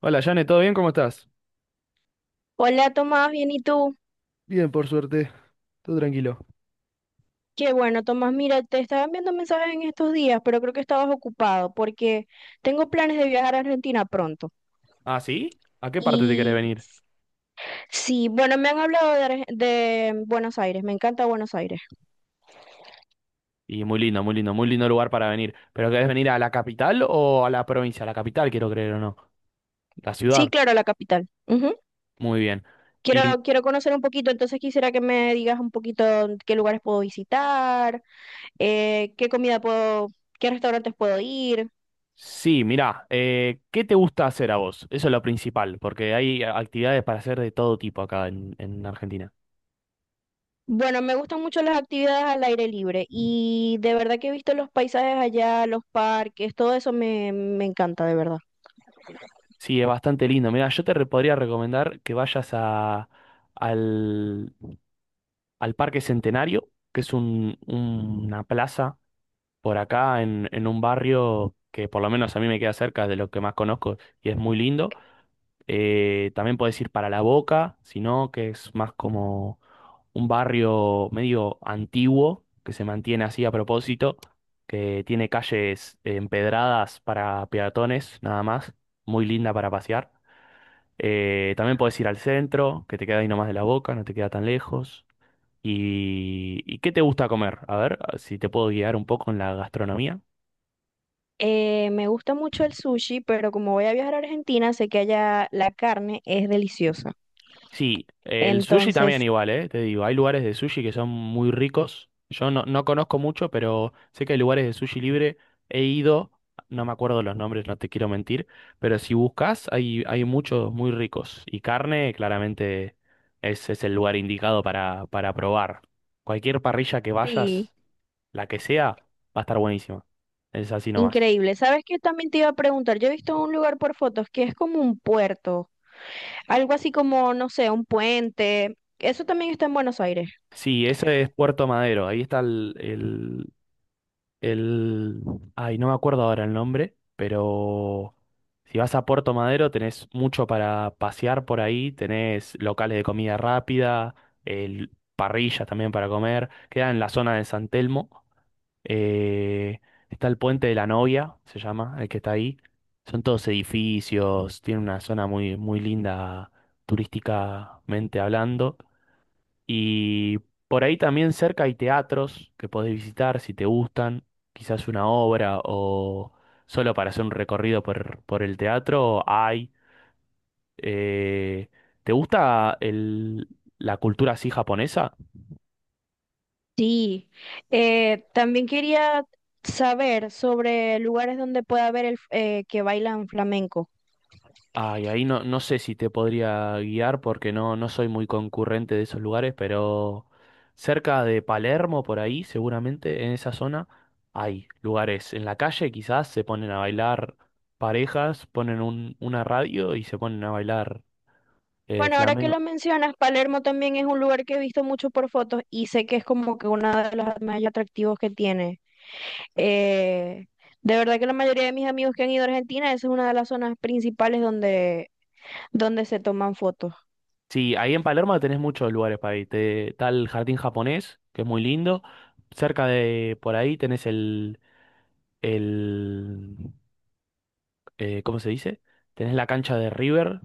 Hola, Jane, ¿todo bien? ¿Cómo estás? Hola Tomás, bien, ¿y tú? Bien, por suerte, todo tranquilo. Qué bueno, Tomás, mira, te estaba enviando mensajes en estos días, pero creo que estabas ocupado porque tengo planes de viajar a Argentina pronto. ¿Ah, sí? ¿A qué parte te querés Y venir? sí, bueno, me han hablado de, Arge- de Buenos Aires, me encanta Buenos Aires. Y muy lindo, muy lindo, muy lindo lugar para venir. ¿Pero querés venir a la capital o a la provincia? A la capital, quiero creer o no. La Sí, ciudad. claro, la capital. Ujú. Muy bien. Quiero, Y quiero conocer un poquito, entonces quisiera que me digas un poquito qué lugares puedo visitar, qué comida puedo, qué restaurantes puedo ir. sí, mirá, ¿qué te gusta hacer a vos? Eso es lo principal, porque hay actividades para hacer de todo tipo acá en Argentina. Bueno, me gustan mucho las actividades al aire libre y de verdad que he visto los paisajes allá, los parques, todo eso me encanta, de verdad. Sí, es bastante lindo. Mirá, yo podría recomendar que vayas al, al Parque Centenario, que es una plaza. Por acá en un barrio que por lo menos a mí me queda cerca de lo que más conozco y es muy lindo. También podés ir para La Boca, sino que es más como un barrio medio antiguo, que se mantiene así a propósito, que tiene calles empedradas para peatones, nada más, muy linda para pasear. También podés ir al centro, que te queda ahí nomás de La Boca, no te queda tan lejos. ¿Y qué te gusta comer? A ver, si te puedo guiar un poco en la gastronomía. Me gusta mucho el sushi, pero como voy a viajar a Argentina, sé que allá la carne es deliciosa. Sí, el sushi también Entonces, igual, ¿eh? Te digo, hay lugares de sushi que son muy ricos. Yo no, no conozco mucho, pero sé que hay lugares de sushi libre. He ido, no me acuerdo los nombres, no te quiero mentir, pero si buscas, hay muchos muy ricos. Y carne, claramente, ese es el lugar indicado para probar. Cualquier parrilla que sí, vayas, la que sea, va a estar buenísima. Es así nomás. increíble. ¿Sabes qué? También te iba a preguntar, yo he visto un lugar por fotos que es como un puerto, algo así como, no sé, un puente. Eso también está en Buenos Aires. Sí, ese es Puerto Madero. Ahí está el, ay, no me acuerdo ahora el nombre, pero si vas a Puerto Madero tenés mucho para pasear por ahí, tenés locales de comida rápida, parrillas también para comer, queda en la zona de San Telmo, eh, está el Puente de la Novia, se llama, el que está ahí, son todos edificios, tiene una zona muy linda turísticamente hablando. Y por ahí también cerca hay teatros que podés visitar si te gustan, quizás una obra o solo para hacer un recorrido por el teatro hay. Eh, ¿te gusta el- la cultura así japonesa? Sí, también quería saber sobre lugares donde pueda haber que bailan flamenco. Ay, ahí no, no sé si te podría guiar porque no soy muy concurrente de esos lugares, pero cerca de Palermo, por ahí, seguramente, en esa zona, hay lugares. En la calle quizás se ponen a bailar parejas, ponen una radio y se ponen a bailar Bueno, ahora que flamenco. lo mencionas, Palermo también es un lugar que he visto mucho por fotos y sé que es como que uno de los más atractivos que tiene. Eh, de verdad que la mayoría de mis amigos que han ido a Argentina, esa es una de las zonas principales donde se toman fotos. Sí, ahí en Palermo tenés muchos lugares para ir. Está el jardín japonés, que es muy lindo. Cerca de por ahí tenés el ¿cómo se dice? Tenés la cancha de River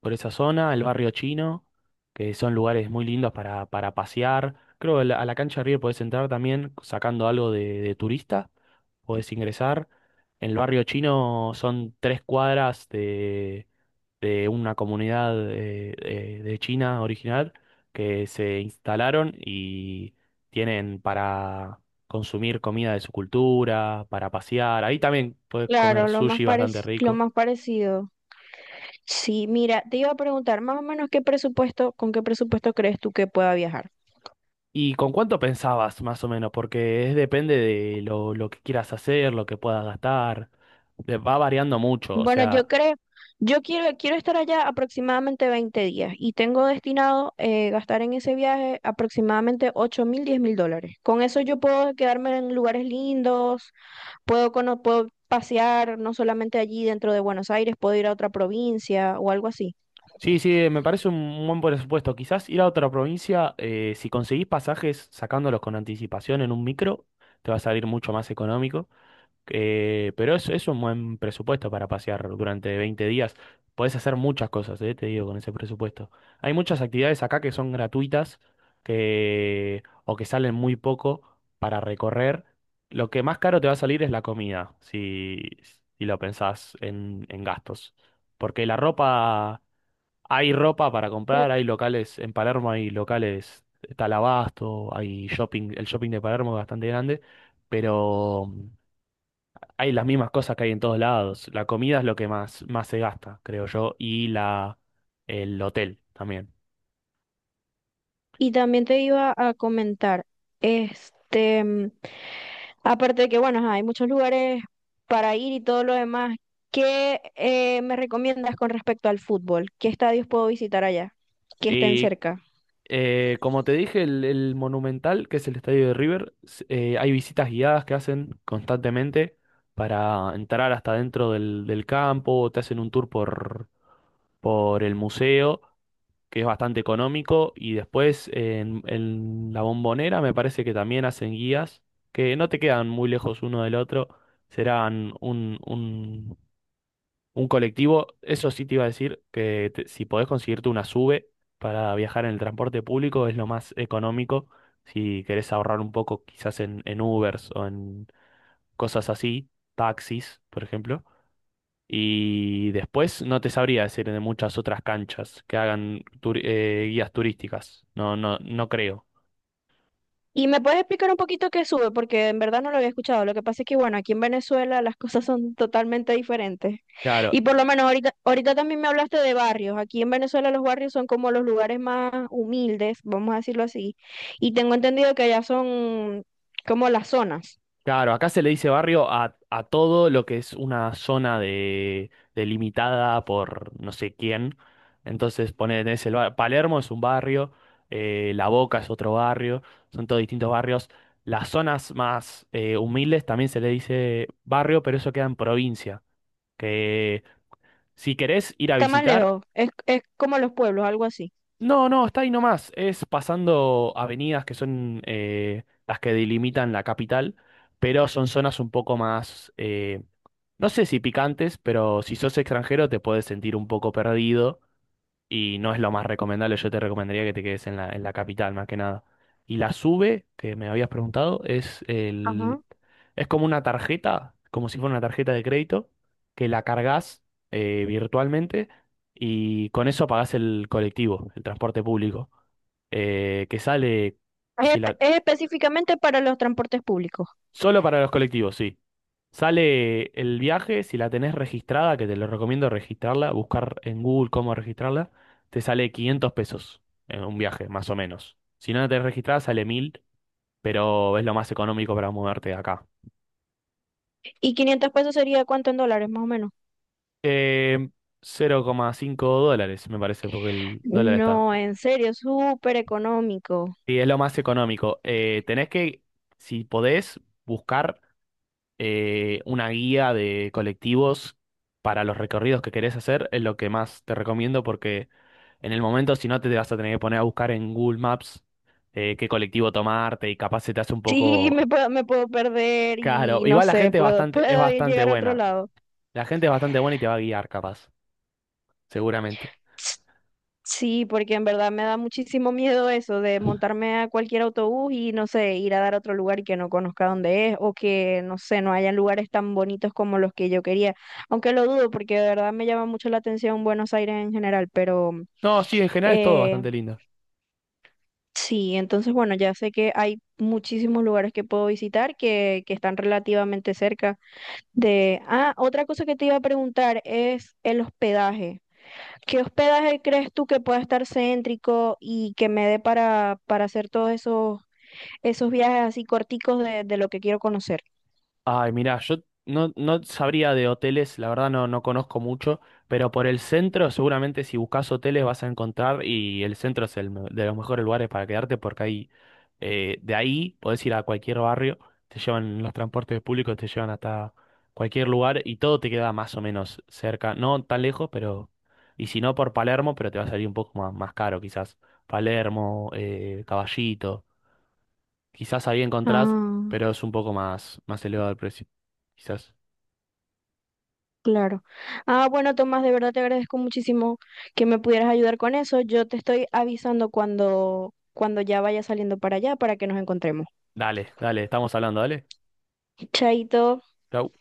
por esa zona, el barrio chino, que son lugares muy lindos para pasear. Creo que a a la cancha de River podés entrar también sacando algo de turista, podés ingresar. En el barrio chino son tres cuadras de una comunidad de China original que se instalaron y tienen para consumir comida de su cultura, para pasear. Ahí también puedes comer Claro, sushi bastante lo rico. más parecido. Sí, mira, te iba a preguntar, más o menos con qué presupuesto crees tú que pueda viajar. ¿Y con cuánto pensabas, más o menos? Porque es depende de lo que quieras hacer, lo que puedas gastar. Va variando mucho, o Bueno, sea. Yo quiero estar allá aproximadamente 20 días y tengo destinado gastar en ese viaje aproximadamente 8.000, 10.000 dólares. Con eso yo puedo quedarme en lugares lindos, puedo pasear no solamente allí dentro de Buenos Aires, puedo ir a otra provincia o algo así. Sí, sí, me parece un buen presupuesto. Quizás ir a otra provincia, si conseguís pasajes sacándolos con anticipación en un micro, te va a salir mucho más económico. Pero es un buen presupuesto para pasear durante 20 días. Podés hacer muchas cosas, te digo, con ese presupuesto. Hay muchas actividades acá que son gratuitas que, o que salen muy poco para recorrer. Lo que más caro te va a salir es la comida, si, si lo pensás en gastos. Porque la ropa, hay ropa para comprar, hay locales, en Palermo hay locales, está el Abasto, hay shopping, el shopping de Palermo es bastante grande, pero hay las mismas cosas que hay en todos lados. La comida es lo que más se gasta, creo yo, y el hotel también. Y también te iba a comentar, este, mm, aparte de que, bueno, ajá, hay muchos lugares para ir y todo lo demás. ¿Qué me recomiendas con respecto al fútbol? ¿Qué estadios puedo visitar allá que estén Y cerca? Como te dije, el Monumental, que es el estadio de River, hay visitas guiadas que hacen constantemente para entrar hasta dentro del campo, te hacen un tour por el museo que es bastante económico. Y después en La Bombonera me parece que también hacen guías que no te quedan muy lejos uno del otro. Serán un colectivo. Eso sí te iba a decir que si podés conseguirte una SUBE para viajar en el transporte público es lo más económico. Si querés ahorrar un poco quizás en Ubers o en cosas así, taxis, por ejemplo. Y después no te sabría decir de muchas otras canchas que hagan guías turísticas. No creo. Y me puedes explicar un poquito qué sube, porque en verdad no lo había escuchado. Lo que pasa es que, bueno, aquí en Venezuela las cosas son totalmente diferentes. Claro, Y por lo menos ahorita también me hablaste de barrios. Aquí en Venezuela los barrios son como los lugares más humildes, vamos a decirlo así. Y tengo entendido que allá son como las zonas. claro, acá se le dice barrio a todo lo que es una zona delimitada por no sé quién. Entonces, poner tenés el bar- Palermo es un barrio, La Boca es otro barrio, son todos distintos barrios. Las zonas más humildes también se le dice barrio, pero eso queda en provincia. Que si querés ir a Está más visitar, lejos, es como los pueblos, algo así. no, no, está ahí nomás. Es pasando avenidas que son las que delimitan la capital, pero son zonas un poco más, no sé si picantes, pero si sos extranjero te puedes sentir un poco perdido y no es lo más recomendable. Yo te recomendaría que te quedes en en la capital, más que nada. Y la SUBE, que me habías preguntado, Ajá. es como una tarjeta, como si fuera una tarjeta de crédito, que la cargas virtualmente y con eso pagás el colectivo, el transporte público, que sale, si la, Es específicamente para los transportes públicos. solo para los colectivos, sí. Sale el viaje, si la tenés registrada, que te lo recomiendo registrarla, buscar en Google cómo registrarla, te sale 500 pesos en un viaje, más o menos. Si no la tenés registrada, sale 1000, pero es lo más económico para moverte de acá. ¿Y 500 pesos sería cuánto en dólares, más o menos? Eh, 0,5 dólares, me parece, porque el dólar está. No, en serio, súper económico. Y es lo más económico. Tenés que, si podés, buscar una guía de colectivos para los recorridos que querés hacer es lo que más te recomiendo porque en el momento si no te vas a tener que poner a buscar en Google Maps qué colectivo tomarte y capaz se te hace un Sí, poco me puedo perder y caro. no Igual la sé, gente es es puedo bastante llegar a otro buena. lado. La gente es bastante buena y te va a guiar capaz, seguramente. Sí, porque en verdad me da muchísimo miedo eso de montarme a cualquier autobús y no sé, ir a dar a otro lugar que no conozca dónde es o que no sé, no hayan lugares tan bonitos como los que yo quería. Aunque lo dudo porque de verdad me llama mucho la atención Buenos Aires en general, pero No, sí, en general es todo Eh, bastante lindo. sí, entonces bueno, ya sé que hay muchísimos lugares que puedo visitar que están relativamente cerca de... Ah, otra cosa que te iba a preguntar es el hospedaje. ¿Qué hospedaje crees tú que pueda estar céntrico y que me dé para hacer todos esos viajes así corticos de lo que quiero conocer? Ay, mira, yo no, no sabría de hoteles, la verdad no conozco mucho, pero por el centro seguramente si buscas hoteles vas a encontrar y el centro es de los mejores lugares para quedarte porque ahí, de ahí podés ir a cualquier barrio, te llevan los transportes públicos, te llevan hasta cualquier lugar y todo te queda más o menos cerca, no tan lejos, pero, y si no por Palermo, pero te va a salir un poco más caro quizás, Palermo, Caballito. Quizás ahí encontrás, Ah. pero es un poco más elevado el precio. Quizás. Claro. Ah, bueno, Tomás, de verdad te agradezco muchísimo que me pudieras ayudar con eso. Yo te estoy avisando cuando ya vaya saliendo para allá para que nos encontremos. Dale, dale, estamos hablando, dale. Chaito. Chau.